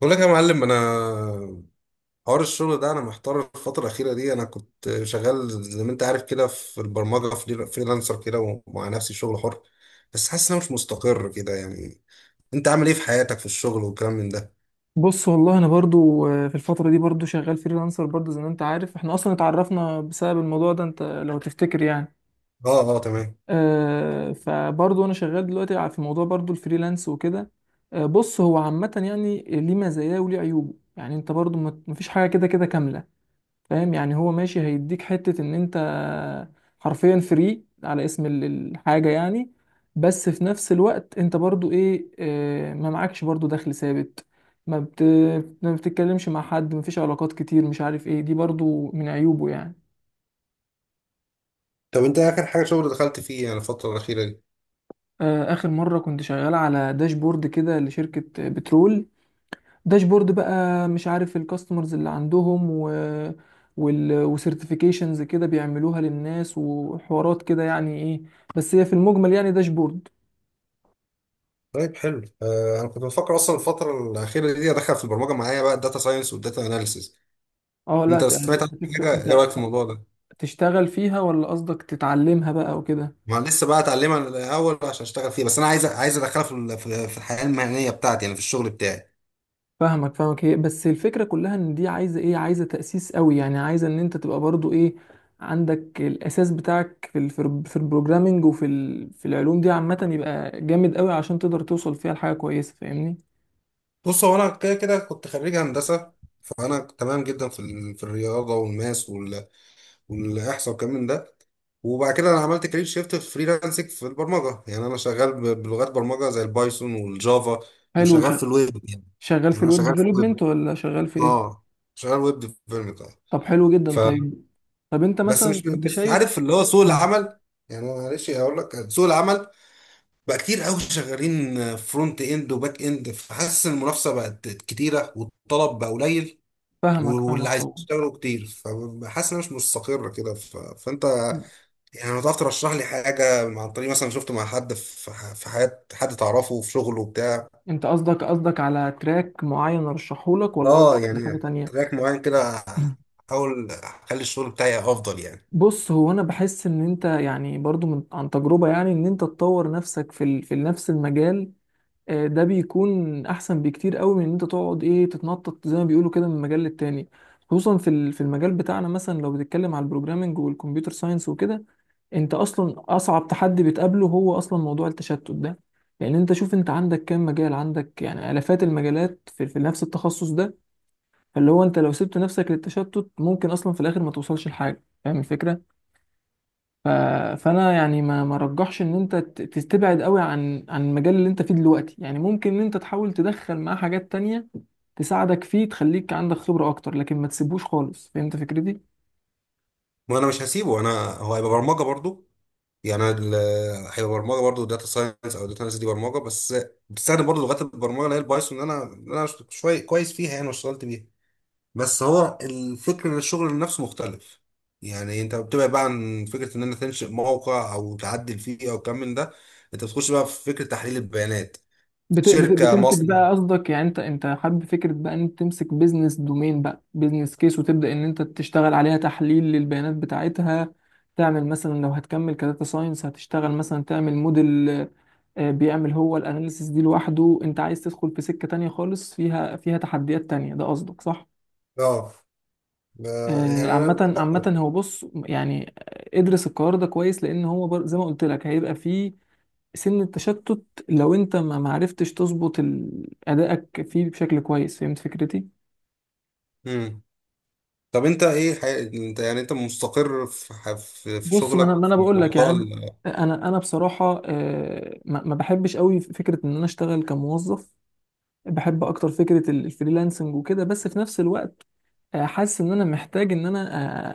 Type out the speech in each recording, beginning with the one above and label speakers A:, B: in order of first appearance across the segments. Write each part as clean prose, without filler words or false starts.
A: بقول لك يا معلم، انا حوار الشغل ده انا محتار الفتره الاخيره دي. انا كنت شغال زي ما انت عارف كده في البرمجه فريلانسر كده، ومع نفسي شغل حر، بس حاسس ان انا مش مستقر كده يعني. انت عامل ايه في حياتك في الشغل والكلام من ده؟
B: بص، والله انا برضو في الفتره دي برضو شغال فريلانسر، برضو زي ما انت عارف احنا اصلا اتعرفنا بسبب الموضوع ده، انت لو تفتكر يعني.
A: اه اه تمام.
B: فبرضو انا شغال دلوقتي في موضوع برضو الفريلانس وكده. بص، هو عامه يعني ليه مزاياه وليه عيوبه، يعني انت برضو مفيش حاجه كده كده كامله. فاهم يعني، هو ماشي هيديك حتة ان انت حرفيا فري على اسم الحاجة يعني. بس في نفس الوقت انت برضو ايه، ما معكش برضو دخل ثابت. ما بت... ما بتتكلمش مع حد، ما فيش علاقات كتير، مش عارف ايه، دي برضو من عيوبه يعني.
A: طب انت اخر حاجه شغل دخلت فيه يعني الفتره الاخيره دي؟
B: اخر مرة كنت شغال على داشبورد كده لشركة بترول. داشبورد بقى، مش عارف الكاستمرز اللي عندهم و وال وسيرتيفيكيشنز كده بيعملوها للناس وحوارات كده، يعني ايه، بس هي في المجمل يعني داشبورد.
A: طيب حلو آه، انا كنت بفكر اصلا الفتره الاخيره دي ادخل في البرمجه معايا بقى الداتا ساينس والداتا اناليسيز.
B: اه لا،
A: انت سمعت عن
B: هتفرق،
A: حاجه؟ ايه
B: انت
A: رايك في الموضوع ده؟
B: تشتغل فيها ولا قصدك تتعلمها بقى وكده؟
A: ما أنا لسه بقى اتعلمها الاول عشان اشتغل فيها، بس انا عايز عايز ادخلها في في الحياه المهنيه بتاعتي يعني في الشغل بتاعي.
B: فاهمك، فاهمك. هي بس الفكرة كلها ان دي عايزة ايه، عايزة تأسيس قوي، يعني عايزة ان انت تبقى برضو ايه، عندك الاساس بتاعك في البروجرامينج، وفي ال في العلوم دي عامة، يبقى جامد قوي عشان تقدر توصل فيها لحاجة كويسة، فاهمني؟
A: بص هو انا كده كده كنت خريج هندسه، فانا تمام جدا في في الرياضه والماس والاحصاء والكلام من ده. وبعد كده انا عملت كارير شيفت في فريلانسنج في البرمجه، يعني انا شغال بلغات برمجه زي البايثون والجافا،
B: حلو.
A: وشغال في الويب يعني.
B: شغال في
A: يعني انا
B: الويب
A: شغال في الويب،
B: ديفلوبمنت ولا شغال في ايه؟
A: اه، شغال ويب ديفلوبمنت اه.
B: طب حلو جدا.
A: ف
B: طيب. طب انت
A: بس
B: مثلا
A: مش
B: انت
A: مش
B: شايف.
A: عارف اللي هو سوق
B: مم.
A: العمل. يعني معلش اقول لك، سوق العمل بقى كتير قوي شغالين فرونت اند وباك اند، فحاسس ان المنافسه بقت كتيره والطلب بقى قليل،
B: فاهمك،
A: واللي
B: فاهمك
A: عايزين
B: طبعا.
A: يشتغلوا كتير، فحاسس انها مش مستقره كده. ف... فانت
B: مم.
A: يعني لو تعرف ترشح لي حاجه، عن طريق مثلا شفته مع حد في في حياه حد تعرفه في شغله بتاع.
B: انت قصدك قصدك على تراك معين ارشحه لك، ولا قصدك
A: اه
B: على حاجة
A: يعني
B: تانية؟
A: تراك معين كده،
B: مم.
A: احاول اخلي الشغل بتاعي افضل يعني.
B: بص، هو انا بحس ان انت يعني برضو من عن تجربة، يعني ان انت تطور نفسك في نفس المجال. ده بيكون احسن بكتير قوي من ان انت تقعد ايه، تتنطط زي ما بيقولوا كده من مجال للتاني. خصوصا في المجال بتاعنا، مثلا لو بتتكلم على البروجرامنج والكمبيوتر ساينس وكده، انت اصلا اصعب تحدي بتقابله هو اصلا موضوع التشتت ده. لان انت شوف، انت عندك كام مجال، عندك يعني الافات المجالات في نفس التخصص ده. فاللي هو انت لو سبت نفسك للتشتت ممكن اصلا في الاخر ما توصلش لحاجه، فاهم الفكره؟ ف... فانا يعني ما رجحش ان انت تبعد قوي عن المجال اللي انت فيه دلوقتي، يعني ممكن ان انت تحاول تدخل معاه حاجات تانية تساعدك فيه، تخليك عندك خبره اكتر، لكن ما تسيبوش خالص، فهمت فكرتي؟
A: ما انا مش هسيبه، انا هو هيبقى برمجه برضو. يعني هي برمجه برضه، داتا ساينس، او داتا ساينس دي برمجه بس، بتستخدم برضه لغات البرمجه اللي هي البايثون، اللي انا اللي انا شويه كويس فيها يعني واشتغلت بيها. بس هو الفكر ان الشغل نفسه مختلف. يعني انت بتبعد بقى عن فكره ان انت تنشئ موقع او تعدل فيه او كم من ده، انت بتخش بقى في فكره تحليل البيانات، شركه،
B: بتمسك
A: مصنع.
B: بقى قصدك، يعني انت حابب فكره بقى ان انت تمسك بيزنس دومين بقى، بيزنس كيس، وتبدا ان انت تشتغل عليها تحليل للبيانات بتاعتها؟ تعمل مثلا لو هتكمل كداتا ساينس هتشتغل مثلا تعمل موديل بيعمل هو الاناليسيس دي لوحده، انت عايز تدخل في سكه تانية خالص فيها تحديات تانية، ده قصدك صح؟
A: اه آه، يعني انا
B: عامة
A: بفكر.
B: عامة هو بص يعني، ادرس القرار ده كويس، لأن هو زي ما قلت لك هيبقى فيه سن التشتت. لو انت ما معرفتش تظبط ادائك فيه بشكل كويس، فهمت فكرتي؟
A: مم. طب انت ايه حي... انت يعني انت مستقر في، في
B: بص، ما انا
A: شغلك
B: ما انا
A: في
B: بقول لك
A: موضوع
B: يعني.
A: ال...؟
B: انا بصراحه ما بحبش قوي فكره ان انا اشتغل كموظف. بحب اكتر فكره الفريلانسنج وكده. بس في نفس الوقت حاسس ان انا محتاج ان انا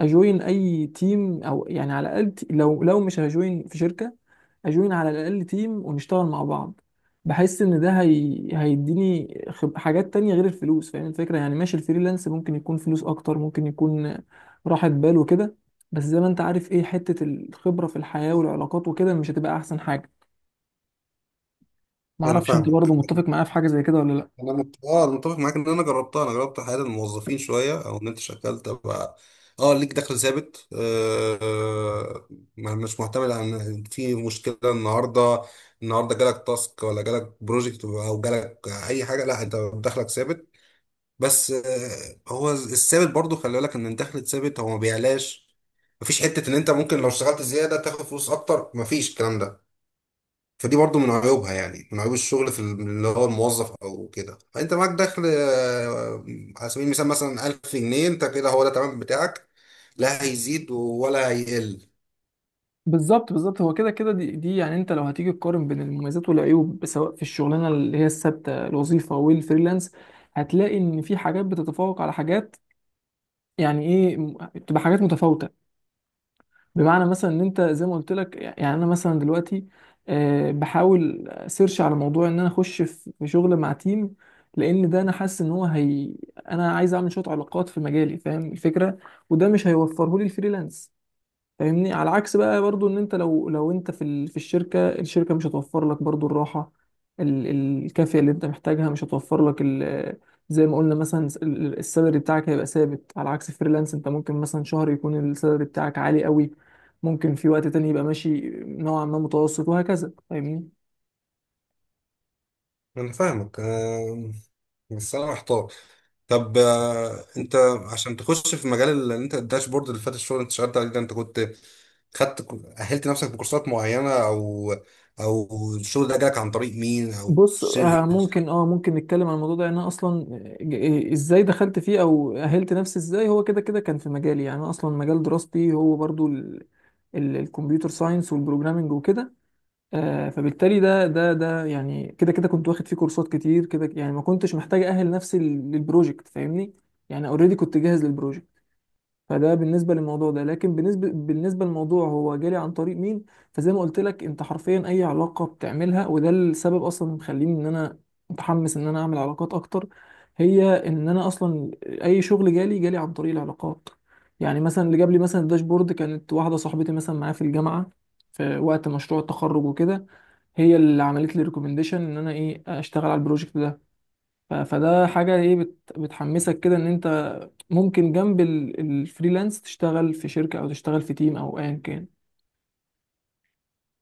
B: اجوين اي تيم، او يعني على الاقل، لو مش هجوين في شركه اجوين على الاقل تيم ونشتغل مع بعض. بحس ان ده هيديني حاجات تانية غير الفلوس، فاهم الفكره؟ يعني ماشي، الفريلانس ممكن يكون فلوس اكتر، ممكن يكون راحه بال وكده. بس زي ما انت عارف ايه، حته الخبره في الحياه والعلاقات وكده مش هتبقى احسن حاجه؟
A: انا
B: معرفش انت برضه
A: فاهمك.
B: متفق معايا في حاجه زي كده ولا لا.
A: انا مت... اه انا متفق معاك، ان انا جربتها، انا جربت حياه الموظفين شويه، او ان انت شغال تبقى اه، ليك دخل ثابت، آه آه، مش معتمد على ان في مشكله النهارده. النهارده جالك تاسك ولا جالك بروجكت او جالك اي حاجه، لا انت دخلك ثابت. بس آه، هو الثابت برضو خلي بالك ان الدخل الثابت هو ما بيعلاش. مفيش حته ان انت ممكن لو اشتغلت زياده تاخد فلوس اكتر، مفيش الكلام ده. فدي برضو من عيوبها، يعني من عيوب الشغل في اللي هو الموظف او كده. فانت معاك دخل آه، على سبيل المثال مثلا 1000 جنيه، انت كده هو ده تمام بتاعك، لا هيزيد ولا هيقل.
B: بالظبط، بالظبط. هو كده كده دي يعني انت لو هتيجي تقارن بين المميزات والعيوب سواء في الشغلانه اللي هي الثابته الوظيفه والفريلانس، هتلاقي ان في حاجات بتتفوق على حاجات. يعني ايه، بتبقى حاجات متفاوته. بمعنى مثلا ان انت زي ما قلت لك، يعني انا مثلا دلوقتي بحاول سيرش على موضوع ان انا اخش في شغل مع تيم، لان ده انا حاسس ان هو هي انا عايز اعمل شويه علاقات في مجالي، فاهم الفكره؟ وده مش هيوفره لي الفريلانس، فاهمني؟ على عكس بقى برضو ان انت لو انت في الشركه مش هتوفر لك برضو الراحه، الكافيه اللي انت محتاجها، مش هتوفر لك زي ما قلنا مثلا، السالري بتاعك هيبقى ثابت، على عكس فريلانس انت ممكن مثلا شهر يكون السالري بتاعك عالي قوي، ممكن في وقت تاني يبقى ماشي نوعا ما متوسط، وهكذا فاهمني؟
A: انا فاهمك آه، بس انا محتار. طب آه، انت عشان تخش في مجال اللي انت الداشبورد اللي فات، الشغل اللي انت اشتغلت عليه ده، انت كنت خدت، اهلت نفسك بكورسات معينة، او او الشغل ده جالك عن طريق مين او
B: بص،
A: ش-؟
B: ممكن نتكلم عن الموضوع ده. يعني انا اصلا ازاي دخلت فيه او اهلت نفسي ازاي، هو كده كده كان في مجالي، يعني انا اصلا مجال دراستي هو برضو الكمبيوتر ساينس والبروجرامنج وكده. فبالتالي ده يعني كده كده كنت واخد فيه كورسات كتير كده، يعني ما كنتش محتاج اهل نفسي للبروجكت، فاهمني؟ يعني اوريدي كنت جاهز للبروجكت. فده بالنسبه للموضوع ده، لكن بالنسبه للموضوع هو جالي عن طريق مين، فزي ما قلت لك، انت حرفيا اي علاقه بتعملها، وده السبب اصلا اللي مخليني ان انا متحمس ان انا اعمل علاقات اكتر. هي ان انا اصلا اي شغل جالي عن طريق العلاقات. يعني مثلا اللي جاب لي مثلا الداشبورد كانت واحده صاحبتي مثلا معايا في الجامعه في وقت مشروع التخرج وكده، هي اللي عملت لي ريكومنديشن ان انا ايه، اشتغل على البروجكت ده. فده حاجة ايه، بتحمسك كده ان انت ممكن جنب الفريلانس تشتغل في شركة، او تشتغل في تيم، او ايا كان.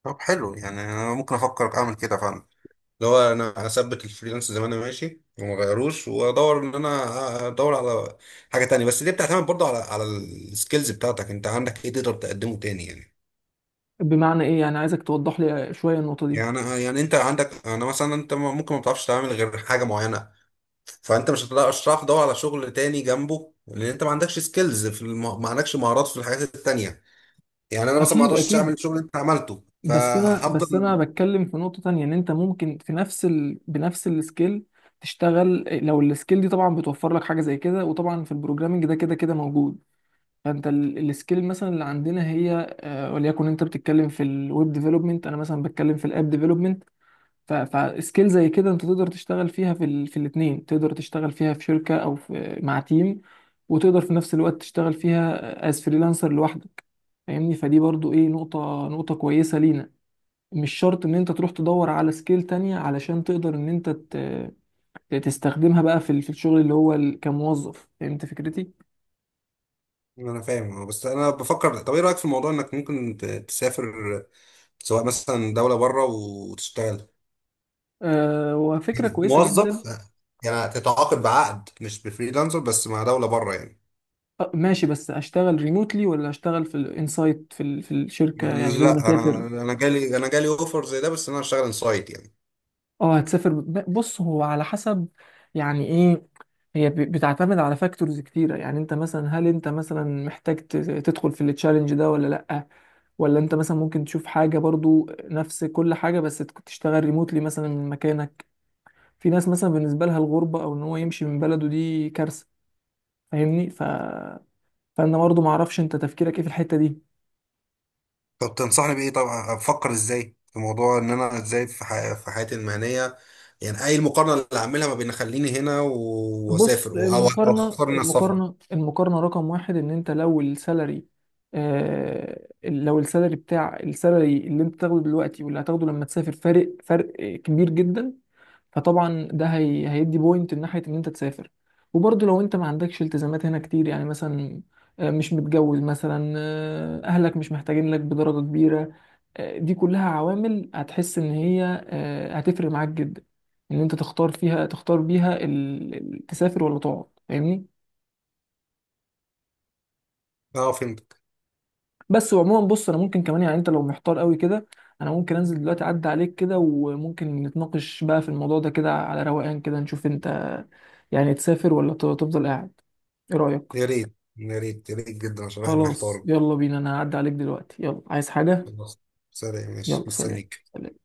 A: طب حلو، يعني انا ممكن افكر اعمل كده فعلا. اللي هو انا هثبت الفريلانس زي ما انا ماشي وما غيروش، وادور ان انا ادور على حاجه تانية. بس دي بتعتمد برضو على السكيلز بتاعتك، انت عندك ايه تقدر تقدمه تاني يعني.
B: بمعنى ايه يعني؟ عايزك توضح لي شوية النقطة دي.
A: يعني انت عندك، انا مثلا انت ممكن ما بتعرفش تعمل غير حاجه معينه، فانت مش هتعرف تدور على شغل تاني جنبه، لان انت ما عندكش سكيلز في الم... ما عندكش مهارات في الحاجات التانية. يعني انا مثلا ما
B: اكيد،
A: اقدرش اعمل
B: اكيد،
A: الشغل اللي انت عملته،
B: بس انا
A: فهفضل.
B: بتكلم في نقطة تانية، ان انت ممكن بنفس السكيل تشتغل، لو السكيل دي طبعا بتوفر لك حاجة زي كده، وطبعا في البروجرامنج ده كده كده موجود. فانت السكيل مثلا اللي عندنا هي وليكن انت بتتكلم في الويب ديفلوبمنت، انا مثلا بتكلم في الاب ديفلوبمنت. فسكيل زي كده انت تقدر تشتغل فيها في الاتنين، تقدر تشتغل فيها في شركة، او مع تيم، وتقدر في نفس الوقت تشتغل فيها از فريلانسر لوحدك، فاهمني؟ فدي برضو ايه، نقطة كويسة لينا. مش شرط ان انت تروح تدور على سكيل تانية علشان تقدر ان انت تستخدمها بقى في الشغل اللي هو كموظف، فهمت فكرتي؟
A: انا فاهم اه، بس انا بفكر، طب ايه رايك في موضوع انك ممكن تسافر؟ سواء مثلا دوله بره وتشتغل
B: أه، وفكرة كويسة جدا.
A: موظف. يعني تتعاقد بعقد مش بفريلانسر، بس مع دوله بره يعني.
B: أه ماشي، بس اشتغل ريموتلي ولا اشتغل في الانسايت في الشركة، يعني لازم
A: لا انا،
B: اسافر؟
A: انا جالي اوفر زي ده، بس انا هشتغل انسايد يعني.
B: اه هتسافر. بص، هو على حسب، يعني ايه. هي بتعتمد على فاكتورز كتيرة، يعني انت مثلا هل انت مثلا محتاج تدخل في التشالنج ده ولا لأ، ولا انت مثلا ممكن تشوف حاجة برضو نفس كل حاجة بس تشتغل ريموتلي مثلا من مكانك. في ناس مثلا بالنسبة لها الغربة او ان هو يمشي من بلده دي كارثة، فاهمني؟ فانا برضو معرفش انت تفكيرك ايه في الحتة دي.
A: طب تنصحني بايه؟ طبعا افكر ازاي في موضوع ان انا ازاي في حي... في حياتي المهنيه. يعني اي المقارنه اللي هعملها ما بين اخليني هنا
B: بص،
A: واسافر، او أو اختار ان أنا اسافر؟
B: المقارنة رقم واحد، ان انت لو السالري اللي انت تاخده دلوقتي واللي هتاخده لما تسافر، فرق كبير جدا. فطبعا ده هيدي بوينت من ناحيه ان انت تسافر. وبرضه لو انت ما عندكش التزامات هنا كتير، يعني مثلا مش متجوز مثلا، اهلك مش محتاجين لك بدرجه كبيره، دي كلها عوامل هتحس ان هي هتفرق معاك جدا ان انت تختار فيها، تختار بيها تسافر ولا تقعد، فاهمني؟
A: اه فهمت.
B: بس وعموما بص، انا ممكن كمان يعني، انت لو محتار قوي كده انا ممكن انزل دلوقتي اعدي عليك كده، وممكن نتناقش بقى في الموضوع ده كده على روقان كده، نشوف انت يعني تسافر ولا تفضل قاعد. ايه رأيك؟
A: يا ريت، يا ريت، يا ريت جدا، عشان الواحد
B: خلاص
A: محتار.
B: يلا بينا، انا هعدي عليك دلوقتي. يلا، عايز حاجة؟
A: خلاص، سلام، ماشي،
B: يلا، سلام
A: مستنيك.
B: سلام.